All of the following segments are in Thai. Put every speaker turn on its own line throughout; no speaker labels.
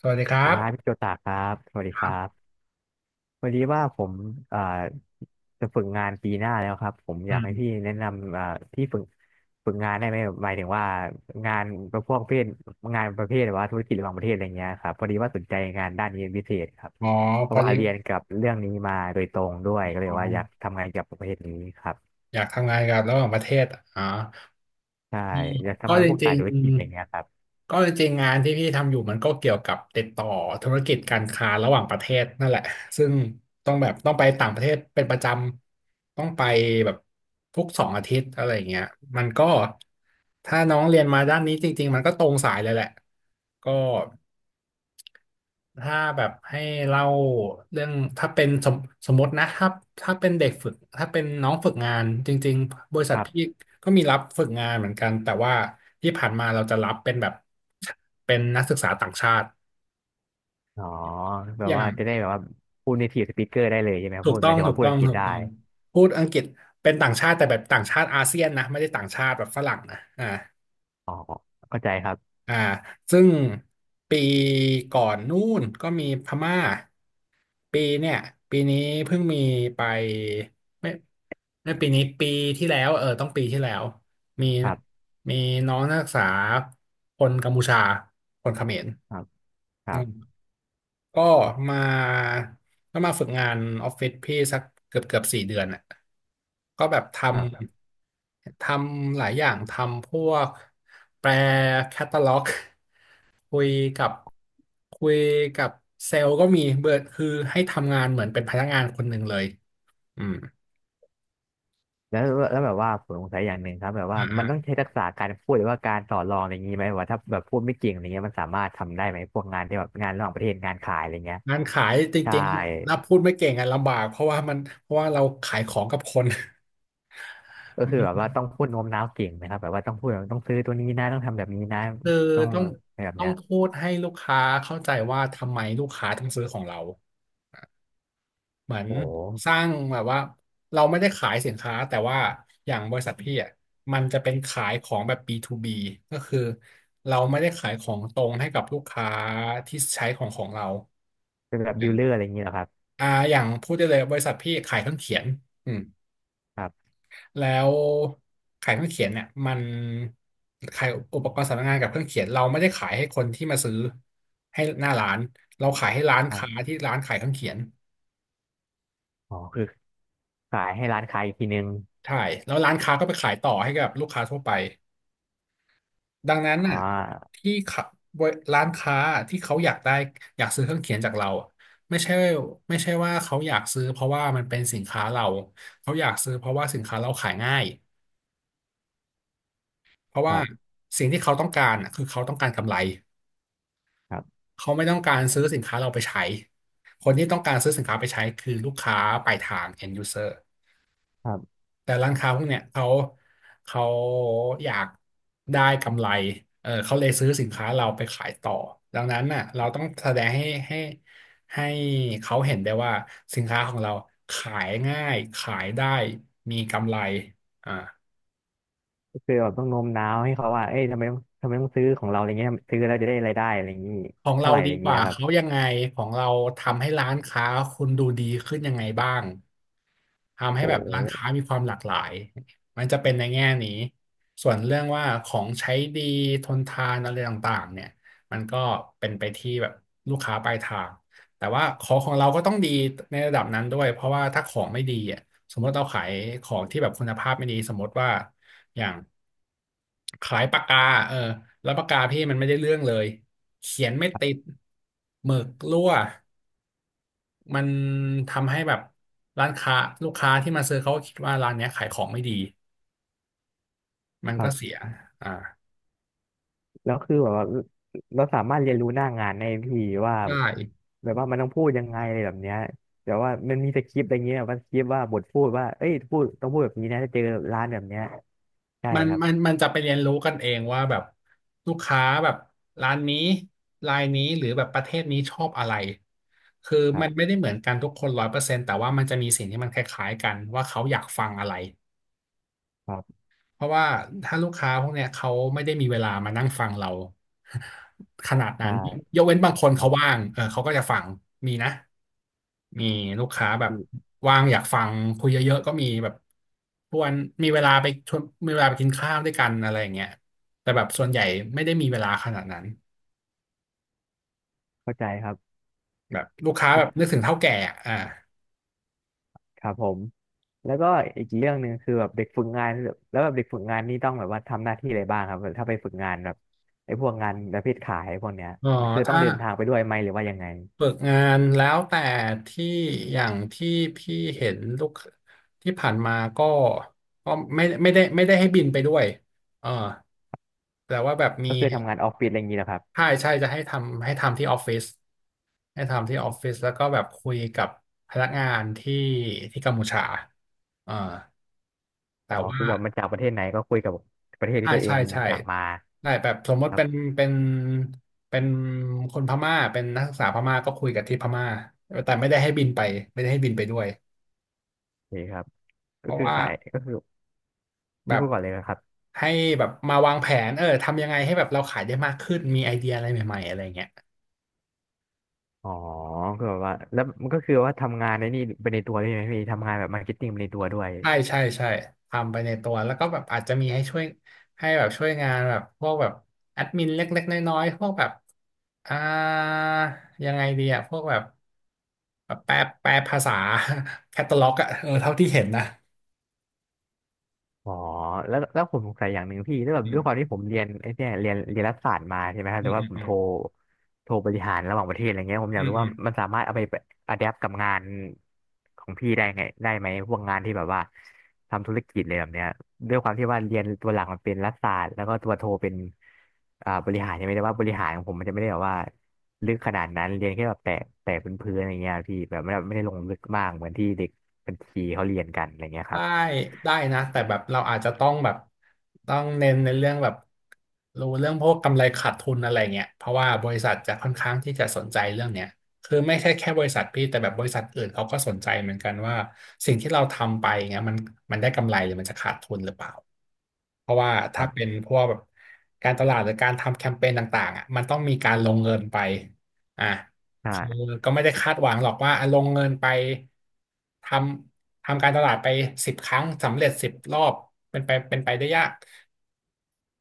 สวัสดีค
สวั
รั
สดีครับ
บ
พี่โจตาครับสวัสดีครับพอดีว่าผมเอ่าจะฝึกงานปีหน้าแล้วครับผมอ
อื
ยากให้
ม
พี่แนะนำที่ฝึกงานได้ไหมหมายถึงว่างานประเภทงานประเภทแบบว่าธุรกิจระหว่างประเทศอะไรเงี้ยครับพอดีว่าสนใจงานด้านนี้เป็นพิเศษครับ
อ๋อ
เพ
พ
ราะ
อ
ว่า
ดี
เรียนกับเรื่องนี้มาโดยตรงด้วยก็เลย
อ๋อ
ว่าอยากทำงานกกับประเภทนี้ครับ
อยากทำงานกับระหว่างประเทศอ๋อ
ใช่
อืม
อยาก
ก็
ทำงาน
จ
พวก
ริ
สาย
ง
ธุรกิจอะไรเงี้ยครับ
ๆก็จริงๆงานที่พี่ทำอยู่มันก็เกี่ยวกับติดต่อธุรกิจการค้าระหว่างประเทศนั่นแหละซึ่งต้องแบบต้องไปต่างประเทศเป็นประจำต้องไปแบบทุก2 อาทิตย์อะไรอย่างเงี้ยมันก็ถ้าน้องเรียนมาด้านนี้จริงๆมันก็ตรงสายเลยแหละก็ ถ้าแบบให้เล่าเรื่องถ้าเป็นสมมตินะถ้าเป็นเด็กฝึกถ้าเป็นน้องฝึกงานจริงๆบริษั
ค
ท
รั
พี่
บ
ก็มีรับฝึกงานเหมือนกันแต่ว่าที่ผ่านมาเราจะรับเป็นแบบเป็นนักศึกษาต่างชาติ
อ๋อแบ
อ
บ
ย่า
ว่า
ง
จะได้แบบว่าพูด native speaker ได้เลยใช่ไหม
ถู
พู
ก
ดห
ต้อ
มาย
ง
ถึง
ถู
ว่า
ก
พูด
ต้อ
อั
ง
งกฤษ
ถูก
ได้
ต้องพูดอังกฤษเป็นต่างชาติแต่แบบต่างชาติอาเซียนนะไม่ได้ต่างชาติแบบฝรั่งนะอ่า
เข้าใจครับ
อ่าซึ่งปีก่อนนู่นก็มีพม่าปีเนี่ยปีนี้เพิ่งมีไปไม่ไม่ปีนี้ปีที่แล้วเออต้องปีที่แล้วมี
ครับ
มีน้องนักศึกษาคนกัมพูชาคนเขมร
ครับครั
อื
บ
ม ก็มาก็มาฝึกงานออฟฟิศพี่สักเกือบ4 เดือนอ่ะก็แบบท
ครับ
ำทำหลายอย่างทำพวกแปลแคตตาล็อกคุยกับคุยกับเซลล์ก็มีเบิร์คือให้ทำงานเหมือนเป็นพนักงานคนหนึ่งเลยอืม
แล้วแล้วแบบว่าผมสงสัยอย่างหนึ่งครับแบบว่า
อ่า
มันต้อง
อ่า
ใช้ทักษะการพูดหรือว่าการต่อรองอะไรอย่างนี้ไหมว่าถ้าแบบพูดไม่เก่งอะไรเงี้ยมันสามารถทำได้ไหมพวกงานที่แบบงานระหว่างประเทศงานขายอะไรเงี้ย
งานขายจ
ใช่
ริงๆนับพูดไม่เก่งอ่ะลำบากเพราะว่ามันเพราะว่าเราขายของกับคน
ก็คือแบบว่าต้องพูดโน้มน้าวเก่งนะครับแบบว่าต้องพูดแบบต้องซื้อตัวนี้นะต้องทำแบบนี้นะ
คือ
ต้อง
ต้อ
อ
ง
ะไรแบบ
ต้อ
เนี้
ง
ย
พูดให้ลูกค้าเข้าใจว่าทำไมลูกค้าถึงซื้อของเราเหมือน
โอ้โห
สร้างแบบว่าเราไม่ได้ขายสินค้าแต่ว่าอย่างบริษัทพี่อ่ะมันจะเป็นขายของแบบ B2B ก็คือเราไม่ได้ขายของตรงให้กับลูกค้าที่ใช้ของของเรา
เป็นแบบ
อ
ดี
ย่าง
ลเลอร์อะไรอย่างนี้เหรอครับ
อย่างพูดได้เลยบริษัทพี่ขายเครื่องเขียนอืม
ครับ
แล้วขายเครื่องเขียนเนี่ยมันขายอุปกรณ์สำนักงานกับเครื่องเขียนเราไม่ได้ขายให้คนที่มาซื้อให้หน้าร้านเราขายให้ร้าน
ครั
ค้า
บ
ที่ร้านขายเครื่องเขียน
อ๋อคือขายให้ร้านค้าอีกทีนึง
ใช่แล้วร้านค้าก็ไปขายต่อให้กับลูกค้าทั่วไปดังนั้น
อ๋
น่ะ
อ
ที่ขะบรร้านค้าที่เขาอยากได้อยากซื้อเครื่องเขียนจากเราอะไม่ใช่ไม่ใช่ว่าเขาอยากซื้อเพราะว่ามันเป็นสินค้าเราเขาอยากซื้อเพราะว่าสินค้าเราขายง่ายเพราะ
ค
ว่า
รับ
สิ่งที่เขาต้องการน่ะคือเขาต้องการกำไร
ครับ
เขาไม่ต้องการซื้อสินค้าเราไปใช้ คนที่ต้องการซื้อสินค้าไปใช้คือลูกค้าปลายทาง end user
ครับ
แต่ร้านค้าพวกเนี้ยเขาอยากได้กำไรเออเขาเลยซื้อสินค้าเราไปขายต่อ ดังนั้นน่ะเราต้องแสดงให้ให้เขาเห็นได้ว่าสินค้าของเราขายง่ายขายได้มีกำไรอ่า
คือแบบต้องโน้มน้าวให้เขาว่าเอ้ยทำไมต้องซื้อของเราอะไรเงี้ยซื้อแล้วจะได้รายได้อะไรอย่างนี้
ของ
เท่า
เรา
ไหร่อะ
ดี
ไรอย่าง
ก
นี้
ว่า
นะครับ
เขายังไงของเราทำให้ร้านค้าคุณดูดีขึ้นยังไงบ้าง ทำให้
โอ้
แบบ
โห
ร้านค้ามีความหลากหลาย มันจะเป็นในแง่นี้ ส่วนเรื่องว่าของใช้ดีทนทานอะไรต่างๆเนี่ยมันก็เป็นไปที่แบบลูกค้าปลายทางแต่ว่าของของเราก็ต้องดีในระดับนั้นด้วย เพราะว่าถ้าของไม่ดีอ่ะสมมติเราขายของที่แบบคุณภาพไม่ดีสมมติว่าอย่างขายปากกาเออแล้วปากกาพี่มันไม่ได้เรื่องเลยเขียนไม่ติดหมึกรั่ว มันทำให้แบบร้านค้าลูกค้าที่มาซื้อเขาก็คิดว่าร้านเนี้ยขายของไม่ดีมัน
ครั
ก็เสี
บ
ยอ่า
แล้วคือแบบว่าเราสามารถเรียนรู้หน้างานได้พี่ว่า
ได้
แบบว่ามันต้องพูดยังไงอะไรแบบเนี้ยแต่ว่ามันมีสคริปต์อะไรเงี้ยว่าสคริปต์ว่าบทพูดว่าเอ้ยพูดต้องพูดแบบนี้นะถ้าเจอร้านแบบเนี้ยใช่
มัน
ครับ
มันมันจะไปเรียนรู้กันเองว่าแบบลูกค้าแบบร้านนี้รายนี้หรือแบบประเทศนี้ชอบอะไรคือ
ครั
มันไม่
บ
ได้เหมือนกันทุกคน100%แต่ว่ามันจะมีสิ่งที่มันคล้ายๆกันว่าเขาอยากฟังอะไร
ครับ
เพราะว่าถ้าลูกค้าพวกเนี้ยเขาไม่ได้มีเวลามานั่งฟังเรา ขนาดนั้น
ใช่
ยกเว้นบางคน
ครั
เขาว่า
บ
งเออเขาก็จะฟังมีนะมีลูกค้าแบบ
พี่
ว่างอยากฟังคุยเยอะๆก็มีแบบชวนมีเวลาไปชวนมีเวลาไปกินข้าวด้วยกันอะไรอย่างเงี้ยแต่แบบส่วนใหญ่ไม่ได้มีเวลาขนาดนั้น
เข้าใจครับ
แบบลูกค้าแบบนึกถึงเฒ่าแก่อะอ่า
ครับผมแล้วก็อีกเรื่องหนึ่งคือแบบเด็กฝึกงานแบบแล้วแบบเด็กฝึกงานนี่ต้องแบบว่าทำหน้าที่อะไรบ้างครับแบบถ้าไปฝึกงานแบบไอ้พวกงานประเภทขายพวกเนี้ย
เออ
คือต้อ
ถ้า
งเดินทางไปด้วยไหมหรือว่ายังไง
ฝึกงานแล้วแต่ที่อย่างที่พี่เห็นลูกที่ผ่านมาก็ก็ไม่ได้ให้บินไปด้วยเออแต่ว่าแบบมี
ก็คือทำงานออฟฟิศอะไรอย่างนี้แหละครับ
ใช่ใช่จะให้ทำที่ออฟฟิศให้ทำที่ออฟฟิศแล้วก็แบบคุยกับพนักงานที่กัมพูชาเออแต่
อ๋อ
ว่า
คือแบบมันจากประเทศไหนก็คุยกับประเทศ
ใช่
ที่ตัวเอ
ใช่
ง
ใช่
จากมา
ใช่แบบสมม
ค
ติ
รับ
เป็นเป็นคนพม่าเป็นนักศึกษาพม่าก็คุยกับที่พม่าแต่ไม่ได้ให้บินไปไม่ได้ให้บินไปด้วย
โอเคครับ
เพ
ก็
ราะ
คือ
ว่า
ขายก็คือ
แบ
พี่
บ
พูดก่อนเลยนะครับ
ให้แบบมาวางแผนเออทำยังไงให้แบบเราขายได้มากขึ้นมีไอเดียอะไรใหม่ๆอะไรเงี้ย
อ๋อคือแบบว่าแล้วมันก็คือว่าทำงานในนี่ไปในตัวด้วยไหมพี่ทำงานแบบมาร์เก็ตติ้งไปในตัวด้วย
ใช่ใช่ใช่ทำไปในตัวแล้วก็แบบอาจจะมีให้ช่วยให้แบบช่วยงานแบบพวกแบบแอดมินเล็กๆน้อยๆพวกแบบอ่ายังไงดีอะพวกแบบแบบแปลแปลภาษา แคตตาล็อกอะเออเท่าที่เห็นนะ
อ๋อแล้วผมสงสัยอย่างหนึ่งพี่แล้วยแบบ
อื
ด้วยความ
ม
ที่ผมเรียนไอ้เนี่ยเรียนรัฐศาสตร์มาใช่ไหมครับ
อื
แต่
ม
ว่า
อืม
ผม
อื
โทรบริหารระหว่างประเทศอะไรเงี้ยผม
ม
อ
อื
ยากรู้
ม
ว่ามันสามารถเอาไปอะแดปกับงานของพี่ได้ไงได้ไหมพวกงานที่แบบว่าทำธุรกิจเลยแบบเนี้ยด้วยความที่ว่าเรียนตัวหลักมันเป็นรัฐศาสตร์แล้วก็ตัวโทเป็นบริหารใช่ไหมแต่ว่าบริหารของผมมันจะไม่ได้แบบว่าลึกขนาดนั้นเรียนแค่แบบแตะเป็นพื้นๆอะไรเงี้ยพี่แบบไม่ได้ลงลึกมากเหมือนที่เด็กบัญชีเขาเรียนกันอะไรเงี้ยค
ได้
รับ
ได้นะแต่แบบเราอาจจะต้องแบบต้องเน้นในเรื่องแบบรู้เรื่องพวกกำไรขาดทุนอะไรเงี้ยเพราะว่าบริษัทจะค่อนข้างที่จะสนใจเรื่องเนี้ยคือไม่ใช่แค่บริษัทพี่แต่แบบบริษัทอื่นเขาก็สนใจเหมือนกันว่าสิ่งที่เราทำไปเงี้ยมันได้กำไรหรือมันจะขาดทุนหรือเปล่าเพราะว่า
ค
ถ้า
รั
เป็น
บ
พวกแบบการตลาดหรือการทำแคมเปญต่างๆอ่ะมันต้องมีการลงเงินไปอ่ะ
ใ
คือ
ช่
ก็ไม่ได้คาดหวังหรอกว่าอ่ะลงเงินไปททำการตลาดไปสิบครั้งสำเร็จสิบรอบเป็นไปได้ยาก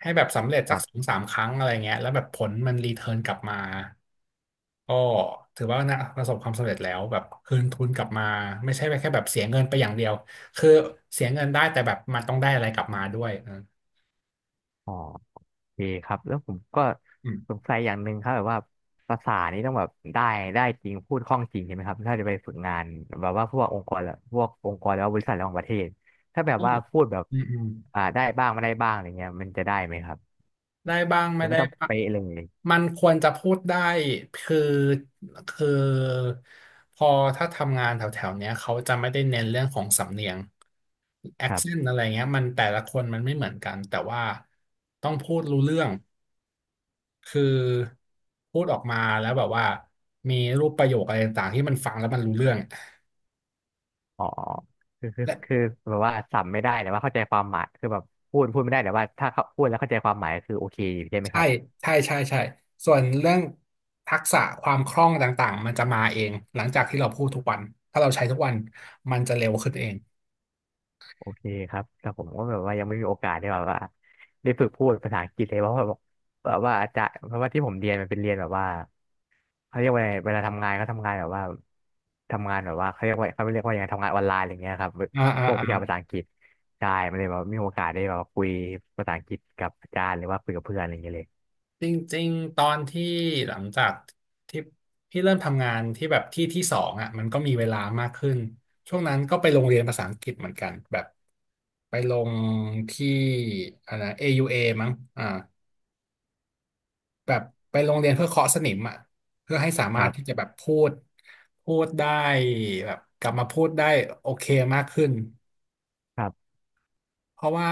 ให้แบบสำเร็จ
ค
สัก
รั
สอ
บ
งสามครั้งอะไรเงี้ยแล้วแบบผลมันรีเทิร์นกลับมาก็ถือว่านะประสบความสำเร็จแล้วแบบคืนทุนกลับมาไม่ใช่แค่แบบเสียเงินไปอย่างเดียวคือเสียเงินได้แต่แบบมันต้องได้อะไรกลับมาด้วยเออ
อ๋อโอเคครับแล้วผมก็
อื
ส
ม
งสัยอย่างหนึ่งครับแบบว่าภาษานี้ต้องแบบได้จริงพูดคล่องจริงใช่ไหมครับถ้าจะไปฝึกงานแบบว่าพวกองค์กรและพวกองค์กรแล้วาบริษัทระหว่างประเทศถ้าแบบ
ก็
ว่าพูดแบบ
อืมอืม
ได้บ้างไม่ได้บ้างอะไรเงี้ยมันจะได้ไหมครับ
ได้บ้าง
ห
ไม่
รือว่า
ได้
ต้อง
บ้าง
เป๊ะเลย
มันควรจะพูดได้คือคือพอถ้าทำงานแถวๆเนี้ยเขาจะไม่ได้เน้นเรื่องของสำเนียง
ครั
accent
บ
อะไรเงี้ยมันแต่ละคนมันไม่เหมือนกันแต่ว่าต้องพูดรู้เรื่องคือพูดออกมาแล้วแบบว่ามีรูปประโยคอะไรต่างๆที่มันฟังแล้วมันรู้เรื่อง
อ๋อ
และ
คือแบบว่าสับไม่ได้แต่ว่าเข้าใจความหมายคือแบบพูดไม่ได้แต่ว่าถ้าเขาพูดแล้วเข้าใจความหมายคือโอเคอยู่ใช่ไหมค
ใช่
รับ
ใช่ใช่ใช่ส่วนเรื่องทักษะความคล่องต่างๆมันจะมาเองหลังจากที่เราพูดทุกวันถ้าเราใช้ทุกวันมันจะเร็วขึ้นเอง
โอเคครับแต่ผมก็แบบว่ายังไม่มีโอกาสได้แบบว่าได้ฝึกพูดภาษาอังกฤษเลยเพราะว่าแบบว่าอาจารย์เพราะว่าที่ผมเรียนมันเป็นเรียนแบบว่าเขาเรียกว่าไงเวลาทำงานเขาทำงานแบบว่าทำงานแบบว่าเขาเรียกว่าเขาเรียกว่ายังไงทำงานออนไลน์อะไรเงี้ยครับ
อ่าอ่า
พวก
อ่า
วิชาภาษาอังกฤษใช่มันเลยแบบไมมีโอกาสได้แบบว่าคุยภาษาอังกฤษกับอาจารย์หรือว่าคุยกับเพื่อนอะไรเงี้ยเลย
จริงๆตอนที่หลังจากที่พี่เริ่มทำงานที่แบบที่สองอ่ะมันก็มีเวลามากขึ้นช่วงนั้นก็ไปโรงเรียนภาษาอังกฤษเหมือนกันแบบไปลงที่นะ AUA มั้งอ่าแบบไปโรงเรียนเพื่อเคาะสนิมอ่ะเพื่อให้สา
ค
มาร
รั
ถที่จะ
บ
แบบพูดได้แบบกลับมาพูดได้โอเคมากขึ้น
ครับ
เพราะว่า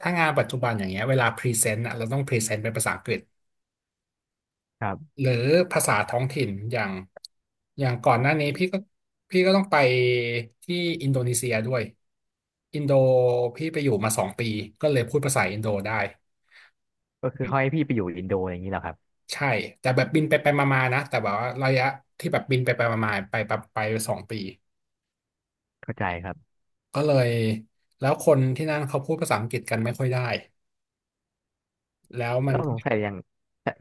ถ้างานปัจจุบันอย่างเงี้ยเวลาพรีเซนต์อ่ะเราต้องพรีเซนต์เป็นภาษาอังกฤษ
ครับ
หรือภาษาท้องถิ่นอย่างก่อนหน้านี้พี่ก็ต้องไปที่อินโดนีเซียด้วยอินโดพี่ไปอยู่มาสองปีก็เลยพูดภาษาอินโดได้
ก็คือเขาให้พี่ไปอยู่อินโดอย่างนี้เหรอครับ
ใช่แต่แบบบินไปไปมาๆนะแต่แบบว่าระยะที่แบบบินไปไปมาๆไปแบบไปสองปี
เข้าใจครับ
ก็เลยแล้วคนที่นั่นเขาพูดภาษาอังกฤษกันไม่ค่อยได้แล้วมั
แล้
น
วสงสัยอย่าง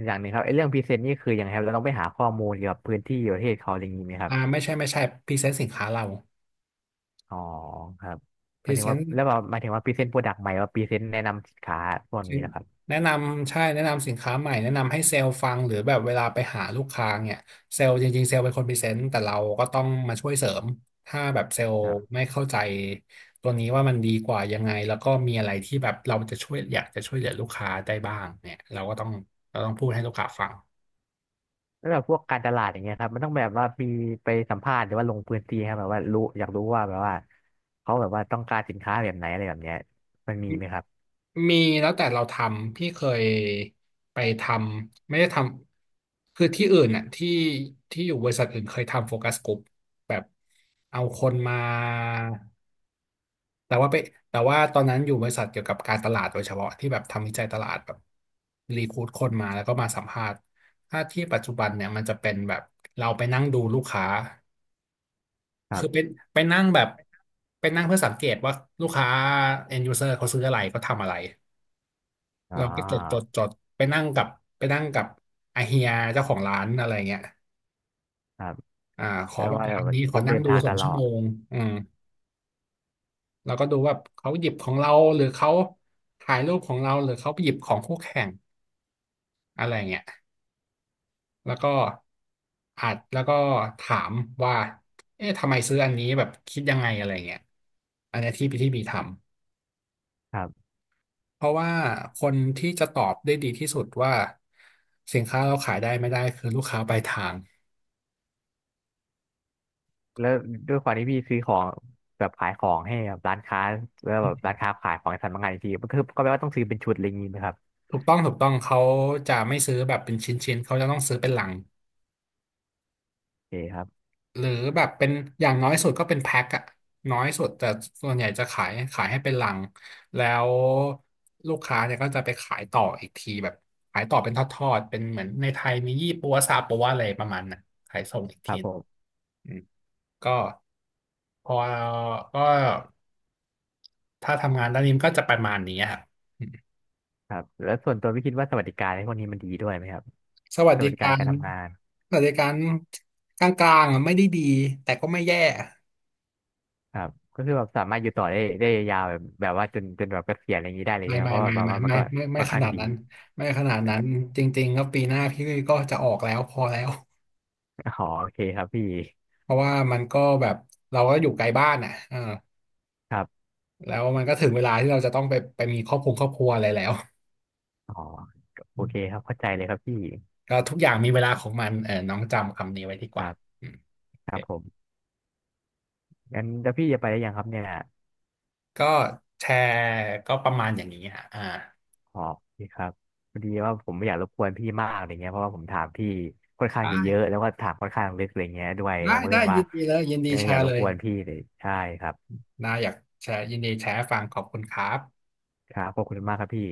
อย่างหนึ่งครับไอ้เรื่องพรีเซนต์นี่คือยังไงครับเราต้องไปหาข้อมูลเกี่ยวกับพื้นที่ประเทศเขาอะไรอย่างนี้ไหมครับ
อ่าไม่ใช่ไม่ใช่พรีเซนต์สินค้าเรา
อ๋อครับ
พ
หมา
รี
ยถึ
เซ
งว่า
นต์
แล้วแบบหมายถึงว่าพรีเซนต์โปรดักต์ใหม่ว่าพรีเซนต์แนะนำสินค้าพวกนี้นะครับ
แนะนำใช่แนะนำสินค้าใหม่แนะนำให้เซลล์ฟังหรือแบบเวลาไปหาลูกค้าเนี่ยเซลล์จริงๆเซลล์เป็นคนพรีเซนต์แต่เราก็ต้องมาช่วยเสริมถ้าแบบเซลล์
ครับ
ไม่เข้าใจตัวนี้ว่ามันดีกว่ายังไงแล้วก็มีอะไรที่แบบเราจะช่วยอยากจะช่วยเหลือลูกค้าได้บ้างเนี่ยเราต้องพูดให้ลูกค้าฟัง
แล้วแบบพวกการตลาดอย่างเงี้ยครับมันต้องแบบว่ามีไปสัมภาษณ์หรือว่าลงพื้นที่ครับแบบว่ารู้อยากรู้ว่าแบบว่าเขาแบบว่าต้องการสินค้าแบบไหนอะไรแบบเนี้ยมันมีไหมครับ
มีแล้วแต่เราทำพี่เคยไปทำไม่ได้ทำคือที่อื่นน่ะที่ที่อยู่บริษัทอื่นเคยทำโฟกัสกลุ่มแบบเอาคนมา แต่ว่าไปแต่ว่าตอนนั้นอยู่บริษัทเกี่ยวกับการตลาดโดยเฉพาะที่แบบทำวิจัยตลาดแบบรีคูดคนมาแล้วก็มาสัมภาษณ์ถ้าที่ปัจจุบันเนี่ยมันจะเป็นแบบเราไปนั่งดูลูกค้า
ครั
คือเป็น
บ
ไปนั่งแบบไปนั่งเพื่อสังเกตว่าลูกค้า end user เขาซื้ออะไรเขาทำอะไร
อ๋
เราก็จดจ
อ
ดจดไปนั่งกับไปนั่งกับอาเฮียเจ้าของร้านอะไรเงี้ย
ครับ
ข
เพ
อ
ราะ
แบบ
ว่า
ร้าน
แบบ
นี้ข
ได้
อ
เดิ
นั่ง
น
ดู
ทาง
ส
ต
อง
ลอ
ชั่วโม
ด
งอืม เราก็ดูว่าเขาหยิบของเราหรือเขาถ่ายรูปของเราหรือเขาไปหยิบของคู่แข่งอะไรเงี้ยแล้วก็อาจแล้วก็ถามว่าเอ๊ะทำไมซื้ออันนี้แบบคิดยังไงอะไรเงี้ยอันเนี้ยที่พี่ที่บีทำ
ครับ
เพราะว่าคนที่จะตอบได้ดีที่สุดว่าสินค้าเราขายได้ไม่ได้คือลูกค้าปลายทาง
แล้วด้วยความที่พี่ซื้อของแบบขายของให้แบบร้านค้าแล้วแบบร้านค้าขายของในสำนักงานอีกทีมันคือก็แปลว่าต้องซื้อเป็นชุดอะไรอย่างงี้ไหมครับ
ถูกต้องถูกต้องเขาจะไม่ซื้อแบบเป็นชิ้นๆเขาจะต้องซื้อเป็นลัง
โอเคครับ
หรือแบบเป็นอย่างน้อยสุดก็เป็นแพ็คอะน้อยสุดแต่ส่วนใหญ่จะขายให้เป็นลังแล้วลูกค้าเนี่ยก็จะไปขายต่ออีกทีแบบขายต่อเป็นทอดๆเป็นเหมือนในไทยมียี่ปัวซาปัวอะไรประมาณน่ะขายส่งอีก
ค
ที
รับผม
อืมก็พอก็ถ้าทำงานด้านนี้มันก็จะประมาณนี้ครับอืม
ครับแล้วส่วนตัวพี่คิดว่าสวัสดิการในพวกนี้มันดีด้วยไหมครับ
สวัส
ส
ดิ
วัสดิกา
กา
รการ
ร
ทำงาน
สวัสดิการกลางๆอะไม่ได้ดีแต่ก็ไม่แย่
ครับก็คือแบบสามารถอยู่ต่อได้ได้ยาวแบบแบบว่าจนแบบเกษียณอะไรอย่างนี้ได้เลย
ไม่
ใช่ไหม
ไม่
เพราะว่า
ไม่
แบบ
ไม่
ว่ามัน
ไม่
ก็
ไม่ไม่ไม่
ค่อน
ข
ข้าง
นาด
ดี
นั้นไม่ขนาดนั้นจริงๆก็ปีหน้าพี่ก็จะออกแล้วพอแล้ว
อ๋อโอเคครับพี่
เพราะว่ามันก็แบบเราก็อยู่ไกลบ้านอ่ะเออ
ครับ
แล้วมันก็ถึงเวลาที่เราจะต้องไปไปมีครอบครัวครอบครัวอะไรแล้ว
อ๋อโอเคครับเข้าใจเลยครับพี่
ก็ทุกอย่างมีเวลาของมันเออน้องจำคำนี้ไว้ดีก
ครั
ว่า
บ
อืมโอ
ค
เค
รับผมงั้นแล้วพี่จะไปได้ยังครับเนี่ย
ก็แชร์ก็ประมาณอย่างนี้ฮะอ่า
อ๋อโอเคครับพอดีว่าผมไม่อยากรบกวนพี่มากอะไรเงี้ยเพราะว่าผมถามพี่ค่อนข้างจะเยอะ
ได้
แล้วก็ถามค่อนข้างลึกอะไรเงี้ยด้วยผ
ได้
มก็เล
ได้
ยแบบ
ยิ
ว่า
นดีเลยยินดีแช
ไม่อยาก
ร์
ร
เล
บก
ย
วนพี่เลยใช่ครับ
นาอยากแชร์ยินดีแชร์ให้ฟังขอบคุณครับ
ครับขอบคุณมากครับพี่